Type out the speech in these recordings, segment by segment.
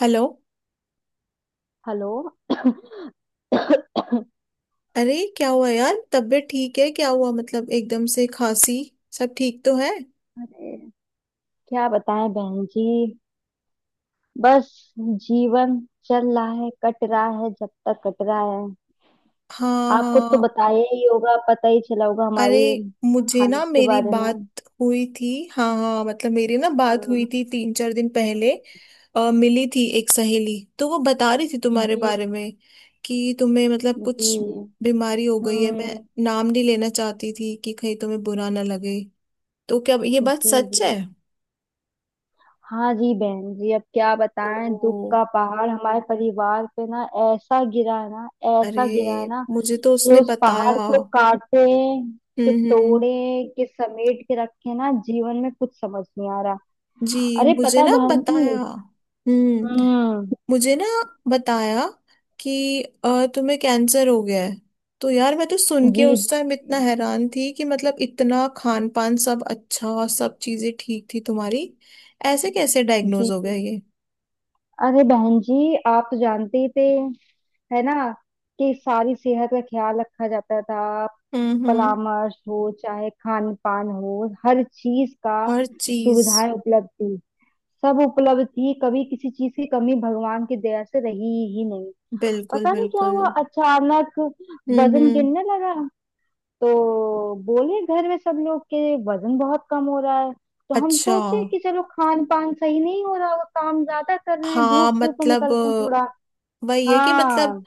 Hello. Hello. अरे अरे, क्या हुआ यार? तबीयत ठीक है? क्या हुआ? मतलब एकदम से खांसी। सब ठीक तो है? क्या बताएं बहन जी। बस जीवन चल रहा है कट रहा है जब तक कट रहा है। हाँ आपको तो हाँ। बताया ही होगा पता ही चला होगा अरे, हमारी मुझे ना हालत के मेरी बारे में। बात हुई थी, हाँ हाँ, मतलब मेरी ना बात हुई हम्म। थी 3 4 दिन पहले। मिली थी एक सहेली तो वो बता रही थी तुम्हारे जी बारे में कि तुम्हें मतलब कुछ जी। बीमारी हो गई है। मैं हम्म। नाम नहीं लेना चाहती थी कि कहीं तुम्हें बुरा ना लगे। तो क्या ये बात जी सच है? जी। हाँ जी बहन जी अब क्या ओ। बताएं दुख का पहाड़ हमारे परिवार पे ना ऐसा गिरा है ना अरे, ऐसा गिरा है ना मुझे तो कि उसने उस बताया। पहाड़ को काटे कि हम्म। तोड़े कि समेट के रखे ना जीवन में कुछ समझ नहीं आ रहा। जी अरे मुझे पता ना बहन जी। बताया। हम्म। हम्म। मुझे ना बताया कि तुम्हें कैंसर हो गया है। तो यार मैं तो सुन के जी उस टाइम इतना हैरान थी कि मतलब इतना खान पान सब अच्छा, सब चीजें ठीक थी तुम्हारी। ऐसे कैसे डायग्नोज जी हो गया जी। ये? अरे बहन जी आप तो जानते ही थे है ना कि सारी सेहत का ख्याल रखा जाता था। हम्म। परामर्श हो चाहे खान पान हो हर चीज का हर चीज। सुविधाएं उपलब्ध थी सब उपलब्ध थी कभी किसी चीज की कमी भगवान की दया से रही ही नहीं। बिल्कुल पता नहीं क्या बिल्कुल। हुआ अचानक वजन हम्म। गिरने लगा। तो बोले घर में सब लोग के वजन बहुत कम हो रहा है। तो हम अच्छा। सोचे कि चलो खान पान सही नहीं हो रहा वो काम ज्यादा कर रहे हैं हाँ धूप धूप में मतलब निकलते हैं थोड़ा। वही है कि मतलब हाँ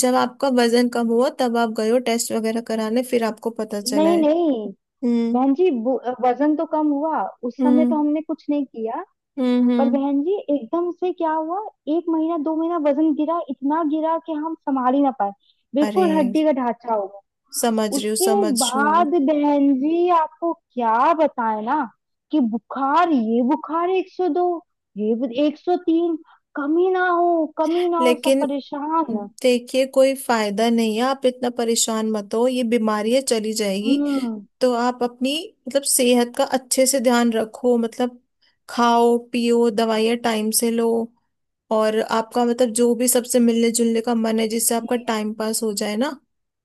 जब आपका वजन कम हुआ तब आप गए हो टेस्ट वगैरह कराने, फिर आपको पता चला नहीं है? नहीं हम्म बहन जी वजन तो कम हुआ उस समय तो हम्म। हमने कुछ नहीं किया। पर हम्म। बहन जी एकदम से क्या हुआ। एक महीना दो महीना वजन गिरा इतना गिरा कि हम संभाल ही ना पाए। अरे, बिल्कुल हड्डी का ढांचा हो गया। समझ रही हूँ, उसके समझ रही हूँ। बाद बहन जी आपको क्या बताएं ना कि बुखार ये बुखार 102 ये 103 कमी ना हो सब लेकिन परेशान। देखिए कोई फायदा नहीं है, आप इतना परेशान मत हो। ये बीमारी है, चली जाएगी। हम्म। तो आप अपनी मतलब सेहत का अच्छे से ध्यान रखो। मतलब खाओ पियो, दवाइयाँ टाइम से लो। और आपका मतलब जो भी सबसे मिलने जुलने का मन है जिससे जी आपका टाइम पास हो जाए ना,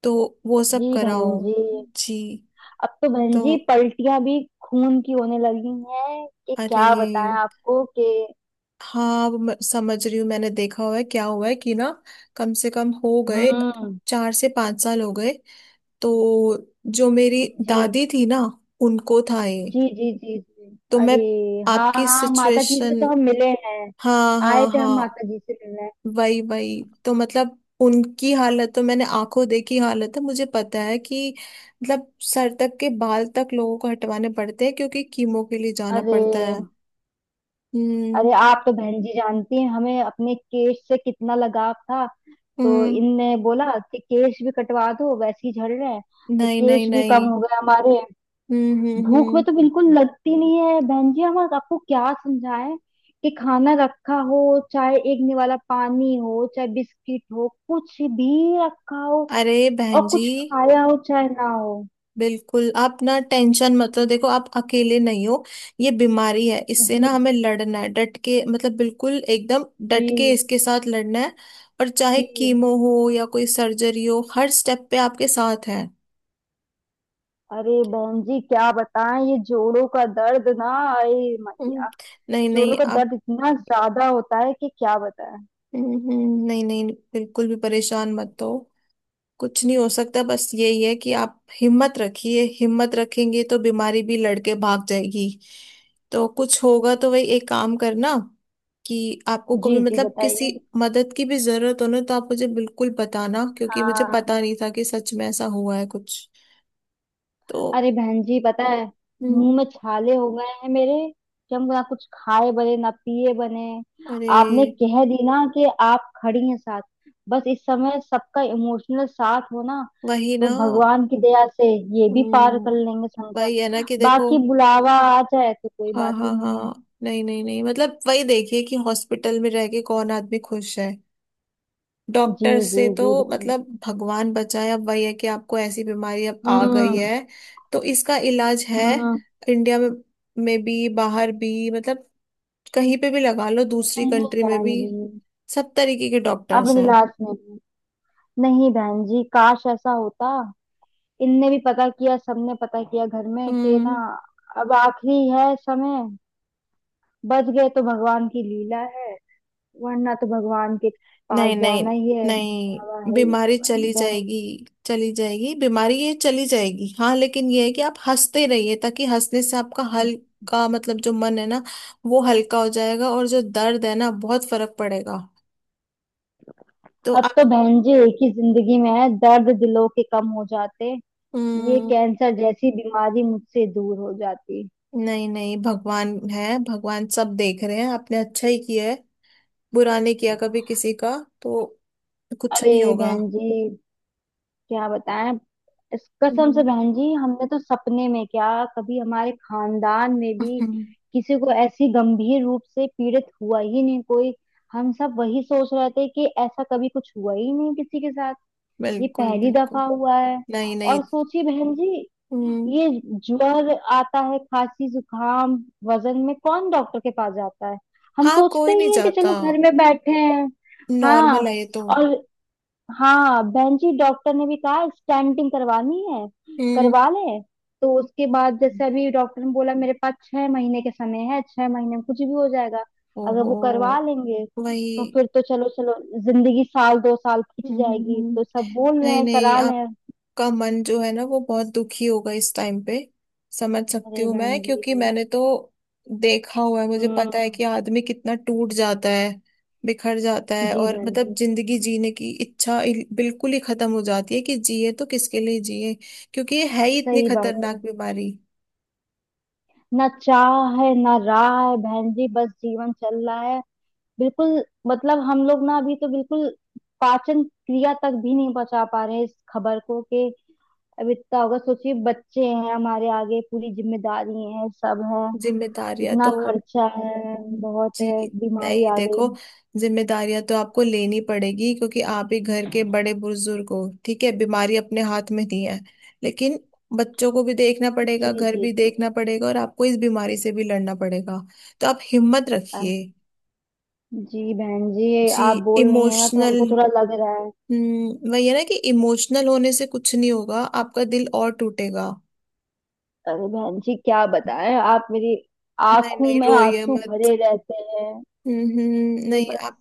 तो वो जी सब बहन कराओ। जी। जी। अब तो बहन तो जी पलटियां भी खून की होने लगी हैं कि अरे, क्या बताएं आपको कि। हाँ अब मैं समझ रही हूँ। मैंने देखा हुआ है क्या हुआ है कि ना कम से कम हो गए हम्म। 4 से 5 साल हो गए। तो जो मेरी जी दादी थी ना, उनको था ये। जी जी जी जी। तो मैं अरे हाँ आपकी हाँ माता जी से सिचुएशन। तो हम मिले हैं। हाँ आए हाँ थे हम हाँ। माता जी से मिलने। वही वही तो मतलब उनकी हालत तो मैंने आंखों देखी हालत है, मुझे पता है कि मतलब सर तक के बाल तक लोगों को हटवाने पड़ते हैं क्योंकि कीमो के लिए जाना अरे पड़ता है। हम्म अरे आप तो बहन जी जानती हैं हमें अपने केश से कितना लगाव था। तो हम्म। इनने बोला कि केश भी कटवा दो वैसे ही झड़ रहे हैं। तो नहीं नहीं केश भी कम नहीं। हो गए हमारे। भूख में हम्म। तो बिल्कुल लगती नहीं है बहन जी हम आपको क्या समझाएं कि खाना रखा हो चाहे एक निवाला पानी हो चाहे बिस्किट हो कुछ भी रखा हो अरे बहन और जी। कुछ खाया हो चाहे ना हो। बिल्कुल, आप ना टेंशन मत लो, देखो आप अकेले नहीं हो। ये बीमारी है, इससे ना जी हमें जी लड़ना है डट के, मतलब बिल्कुल एकदम जी डट के इसके साथ लड़ना है। और चाहे जी। कीमो हो या कोई सर्जरी हो, हर स्टेप पे आपके साथ है। अरे बहन जी क्या बताएं ये जोड़ों का दर्द ना। अरे हम्म, नहीं जोड़ों नहीं का आप। दर्द इतना ज्यादा होता है कि क्या बताएं। नहीं नहीं बिल्कुल भी परेशान मत हो। कुछ नहीं हो सकता, बस यही है कि आप हिम्मत रखिए, हिम्मत रखेंगे तो बीमारी भी लड़के भाग जाएगी। तो कुछ होगा तो वही एक काम करना कि आपको कभी जी जी मतलब किसी बताइए। मदद की भी जरूरत हो ना तो आप मुझे बिल्कुल बताना, क्योंकि मुझे हाँ पता नहीं था कि सच में ऐसा हुआ है कुछ। तो अरे बहन जी पता है हम्म, मुंह में छाले हो गए हैं मेरे कि हम ना कुछ खाए बने ना पिए बने। अरे आपने कह दी ना कि आप खड़ी हैं साथ। बस इस समय सबका इमोशनल साथ हो ना। वही तो ना। भगवान की दया से ये भी पार कर हम्म, लेंगे संकट। वही है ना कि देखो। बाकी बुलावा आ जाए तो कोई हाँ बात ही हाँ नहीं है। हाँ। नहीं नहीं नहीं मतलब वही देखिए कि हॉस्पिटल में रह के कौन आदमी खुश है। जी डॉक्टर जी से तो जी बहन जी। मतलब भगवान बचाए। अब वही है कि आपको ऐसी बीमारी अब आ गई हम्म है, तो इसका इलाज है। हम्म। इंडिया में भी बाहर भी मतलब कहीं पे भी लगा लो, दूसरी नहीं कंट्री में बहन भी जी सब तरीके के अब डॉक्टर्स हैं। निलाज में भी। नहीं बहन जी काश ऐसा होता। इनने भी पता किया सबने पता किया घर में कि ना। हम्म। अब आखिरी है समय। बच गए तो भगवान की लीला है। वरना तो भगवान के पास नहीं नहीं जाना ही है बाबा नहीं, है ये। बीमारी चली बहन। जाएगी। चली जाएगी बीमारी, ये चली जाएगी। हाँ लेकिन ये है कि आप हंसते रहिए, ताकि हंसने से आपका हल्का मतलब जो मन है ना, वो हल्का हो जाएगा और जो दर्द है ना, बहुत फर्क पड़ेगा। तो अब तो आपने। बहन जी एक ही जिंदगी में है दर्द दिलों के कम हो जाते। ये हम्म। कैंसर जैसी बीमारी मुझसे दूर हो जाती। नहीं नहीं, भगवान है, भगवान सब देख रहे हैं, आपने अच्छा ही किया है, बुरा नहीं किया कभी किसी का, तो कुछ नहीं अरे होगा। बहन जी क्या बताएं इस कसम से हम्म, बहन जी हमने तो सपने में क्या। कभी हमारे खानदान में भी किसी को ऐसी गंभीर रूप से पीड़ित हुआ ही नहीं कोई। हम सब वही सोच रहे थे कि ऐसा कभी कुछ हुआ ही नहीं किसी के साथ। ये बिल्कुल पहली बिल्कुल। दफा हुआ है। नहीं नहीं। और सोचिए बहन जी हम्म। ये ज्वर आता है खांसी जुकाम वजन में कौन डॉक्टर के पास जाता है। हम हाँ सोचते कोई नहीं ही हैं कि जाता, चलो घर में बैठे हैं। हाँ नॉर्मल है ये तो। और हाँ बहन जी डॉक्टर ने भी कहा स्टेंटिंग करवानी है हम्म। करवा ले। तो उसके बाद जैसे अभी डॉक्टर ने बोला मेरे पास 6 महीने के समय है 6 महीने में कुछ भी हो जाएगा अगर ओहो। वो करवा लेंगे। वही। तो फिर तो चलो चलो। जिंदगी साल दो साल हम्म खिंच हम्म, जाएगी हम्म। तो सब बोल रहे नहीं हैं नहीं, करा लें। आपका मन जो है ना वो बहुत दुखी होगा इस टाइम पे, समझ सकती अरे हूँ मैं, बहन जी। क्योंकि मैंने तो देखा हुआ है, मुझे पता है हम्म। कि आदमी कितना टूट जाता है, बिखर जाता है जी और बहन मतलब जी जिंदगी जीने की इच्छा बिल्कुल ही खत्म हो जाती है कि जिए तो किसके लिए जिए, क्योंकि ये है ही इतनी सही बात खतरनाक है। बीमारी। ना चाह है ना राह है बहन जी बस जीवन चल रहा है। बिल्कुल मतलब हम लोग ना अभी तो बिल्कुल पाचन क्रिया तक भी नहीं बचा पा रहे हैं इस खबर को कि अब इतना होगा सोचिए बच्चे हैं हमारे आगे पूरी जिम्मेदारी है सब है जिम्मेदारियां तो। इतना खर्चा है बहुत जी। है बीमारी नहीं आ गई। देखो, जिम्मेदारियां तो आपको लेनी पड़ेगी क्योंकि आप ही घर के बड़े बुजुर्ग हो। ठीक है बीमारी अपने हाथ में नहीं है, लेकिन बच्चों को भी देखना पड़ेगा, जी घर जी भी देखना पड़ेगा और आपको इस बीमारी से भी लड़ना पड़ेगा। तो आप हिम्मत अ- रखिए। जी बहन जी ये जी। आप बोल रही है ना तो इमोशनल। हमको थोड़ा लग रहा है। हम्म, वही है ना कि इमोशनल होने से कुछ नहीं होगा, आपका दिल और टूटेगा। अरे बहन जी क्या बताएं आप मेरी नहीं आंखों नहीं में रोइए आंसू मत। भरे रहते हैं कि नहीं बस। आप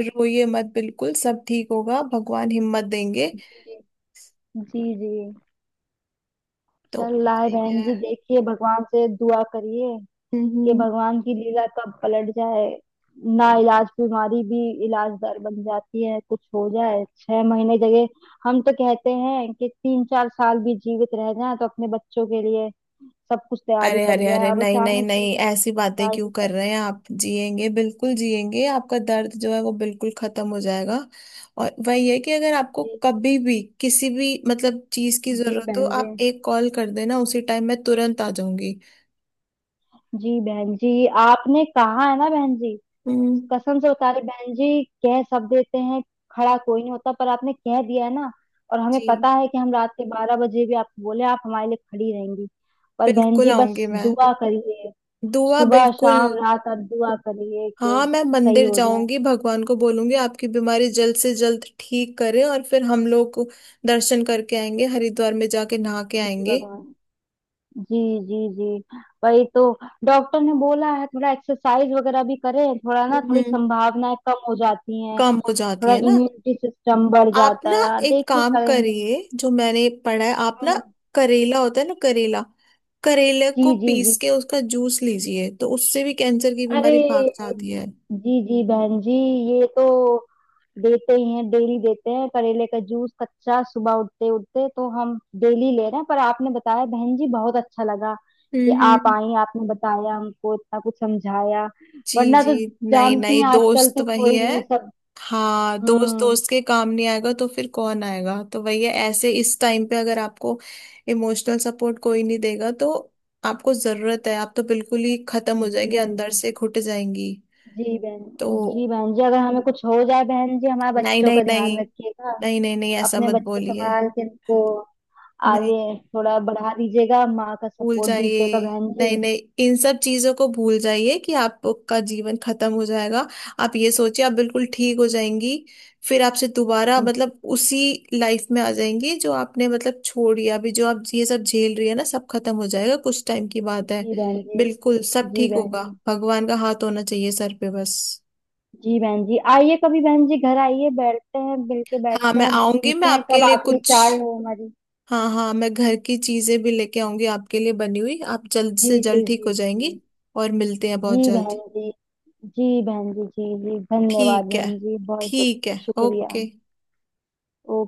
रोइए मत, बिल्कुल सब ठीक होगा, भगवान हिम्मत देंगे। जी जी जी। तो चल रहा है वही बहन है। जी देखिए भगवान से दुआ करिए कि हम्म। भगवान की लीला कब पलट जाए। ना इलाज बीमारी भी इलाज दर बन जाती है कुछ हो जाए छह महीने जगह। हम तो कहते हैं कि 3 4 साल भी जीवित रह जाए तो अपने बच्चों के लिए सब कुछ तैयारी अरे कर अरे अरे जाए अब नहीं नहीं अचानक से। नहीं, ऐसी क्या बातें क्यों ही कर रहे करें। हैं? आप जिएंगे, बिल्कुल जिएंगे, आपका दर्द जो है वो बिल्कुल खत्म हो जाएगा। और वही है कि अगर आपको जी कभी भी किसी भी मतलब चीज की जी जरूरत हो, बहन जी। आप एक कॉल कर देना, उसी टाइम मैं तुरंत आ जाऊंगी। जी बहन जी आपने कहा है ना बहन जी। हम्म। कसम से बता रही बहन जी कह सब देते हैं खड़ा कोई नहीं होता पर आपने कह दिया है ना। और हमें पता जी। है कि हम रात के 12 बजे भी आपको बोले आप हमारे लिए खड़ी रहेंगी। पर बहन बिल्कुल जी आऊंगी बस मैं, दुआ करिए। दुआ सुबह बिल्कुल। शाम रात आप दुआ करिए कि हाँ मैं सही मंदिर हो जाए। जाऊंगी, भगवान को बोलूंगी आपकी बीमारी जल्द से जल्द ठीक करे, और फिर हम लोग दर्शन करके आएंगे, हरिद्वार में जाके नहा के जी आएंगे। भगवान जी जी जी वही तो डॉक्टर ने बोला है थोड़ा एक्सरसाइज वगैरह भी करें थोड़ा ना थोड़ी हम्म। संभावनाएं कम हो जाती हैं। कम हो जाती थोड़ा है ना। इम्यूनिटी सिस्टम बढ़ आप जाता ना है एक देखिए काम करेंगे। करिए, जो मैंने पढ़ा है, आप ना हम्म। करेला होता है ना करेला, करेले जी को जी जी। पीस के उसका जूस लीजिए तो उससे भी कैंसर की अरे बीमारी भाग जाती है। जी जी बहन जी ये तो देते ही हैं डेली देते हैं करेले का जूस कच्चा सुबह उठते उठते तो हम डेली ले रहे हैं पर आपने बताया बहन जी बहुत अच्छा लगा कि हम्म आप हम्म। आई आपने बताया हमको इतना कुछ समझाया। जी वरना जी। तो नई जानती नई हैं आजकल दोस्त तो वही कोई है। नहीं सब। हाँ, दोस्त हम्म। दोस्त के काम नहीं आएगा तो फिर कौन आएगा? तो वही है, ऐसे इस टाइम पे अगर आपको इमोशनल सपोर्ट कोई नहीं देगा तो आपको जरूरत है, आप तो बिल्कुल ही खत्म हो जी जाएंगे, बहन अंदर जी से घुट जाएंगी। जी बहन जी तो बहन जी अगर हमें कुछ हो जाए बहन जी हमारे नहीं बच्चों नहीं का ध्यान नहीं, रखिएगा। नहीं नहीं नहीं ऐसा अपने मत बच्चे बोलिए। संभाल के इनको नहीं आगे थोड़ा बढ़ा दीजिएगा माँ का भूल सपोर्ट दीजिएगा जाइए, बहन जी। नहीं नहीं, इन सब चीजों को भूल जाइए कि आपका जीवन खत्म हो जाएगा। आप ये सोचिए आप बिल्कुल ठीक हो जाएंगी, फिर आपसे दोबारा मतलब उसी लाइफ में आ जाएंगी जो आपने मतलब छोड़ी। अभी जो आप ये सब झेल रही है ना, सब खत्म हो जाएगा, कुछ टाइम की बात है। जी बहन जी बिल्कुल सब जी ठीक बहन होगा, जी भगवान का हाथ होना चाहिए सर पे बस। जी बहन जी आइए कभी बहन जी घर आइए बैठते हैं मिल के हाँ बैठते मैं हैं आऊंगी, मैं पीते हैं आपके कब लिए आखिरी कुछ। चाय हो हमारी। हाँ हाँ, मैं घर की चीजें भी लेके आऊंगी आपके लिए बनी हुई, आप जल्द जी से जल्द जी ठीक जी हो जी। जाएंगी। और मिलते हैं जी बहुत जल्द। बहन जी जी बहन जी जी जी धन्यवाद ठीक है। बहन जी बहुत बहुत ठीक है, शुक्रिया। ओके। ओके।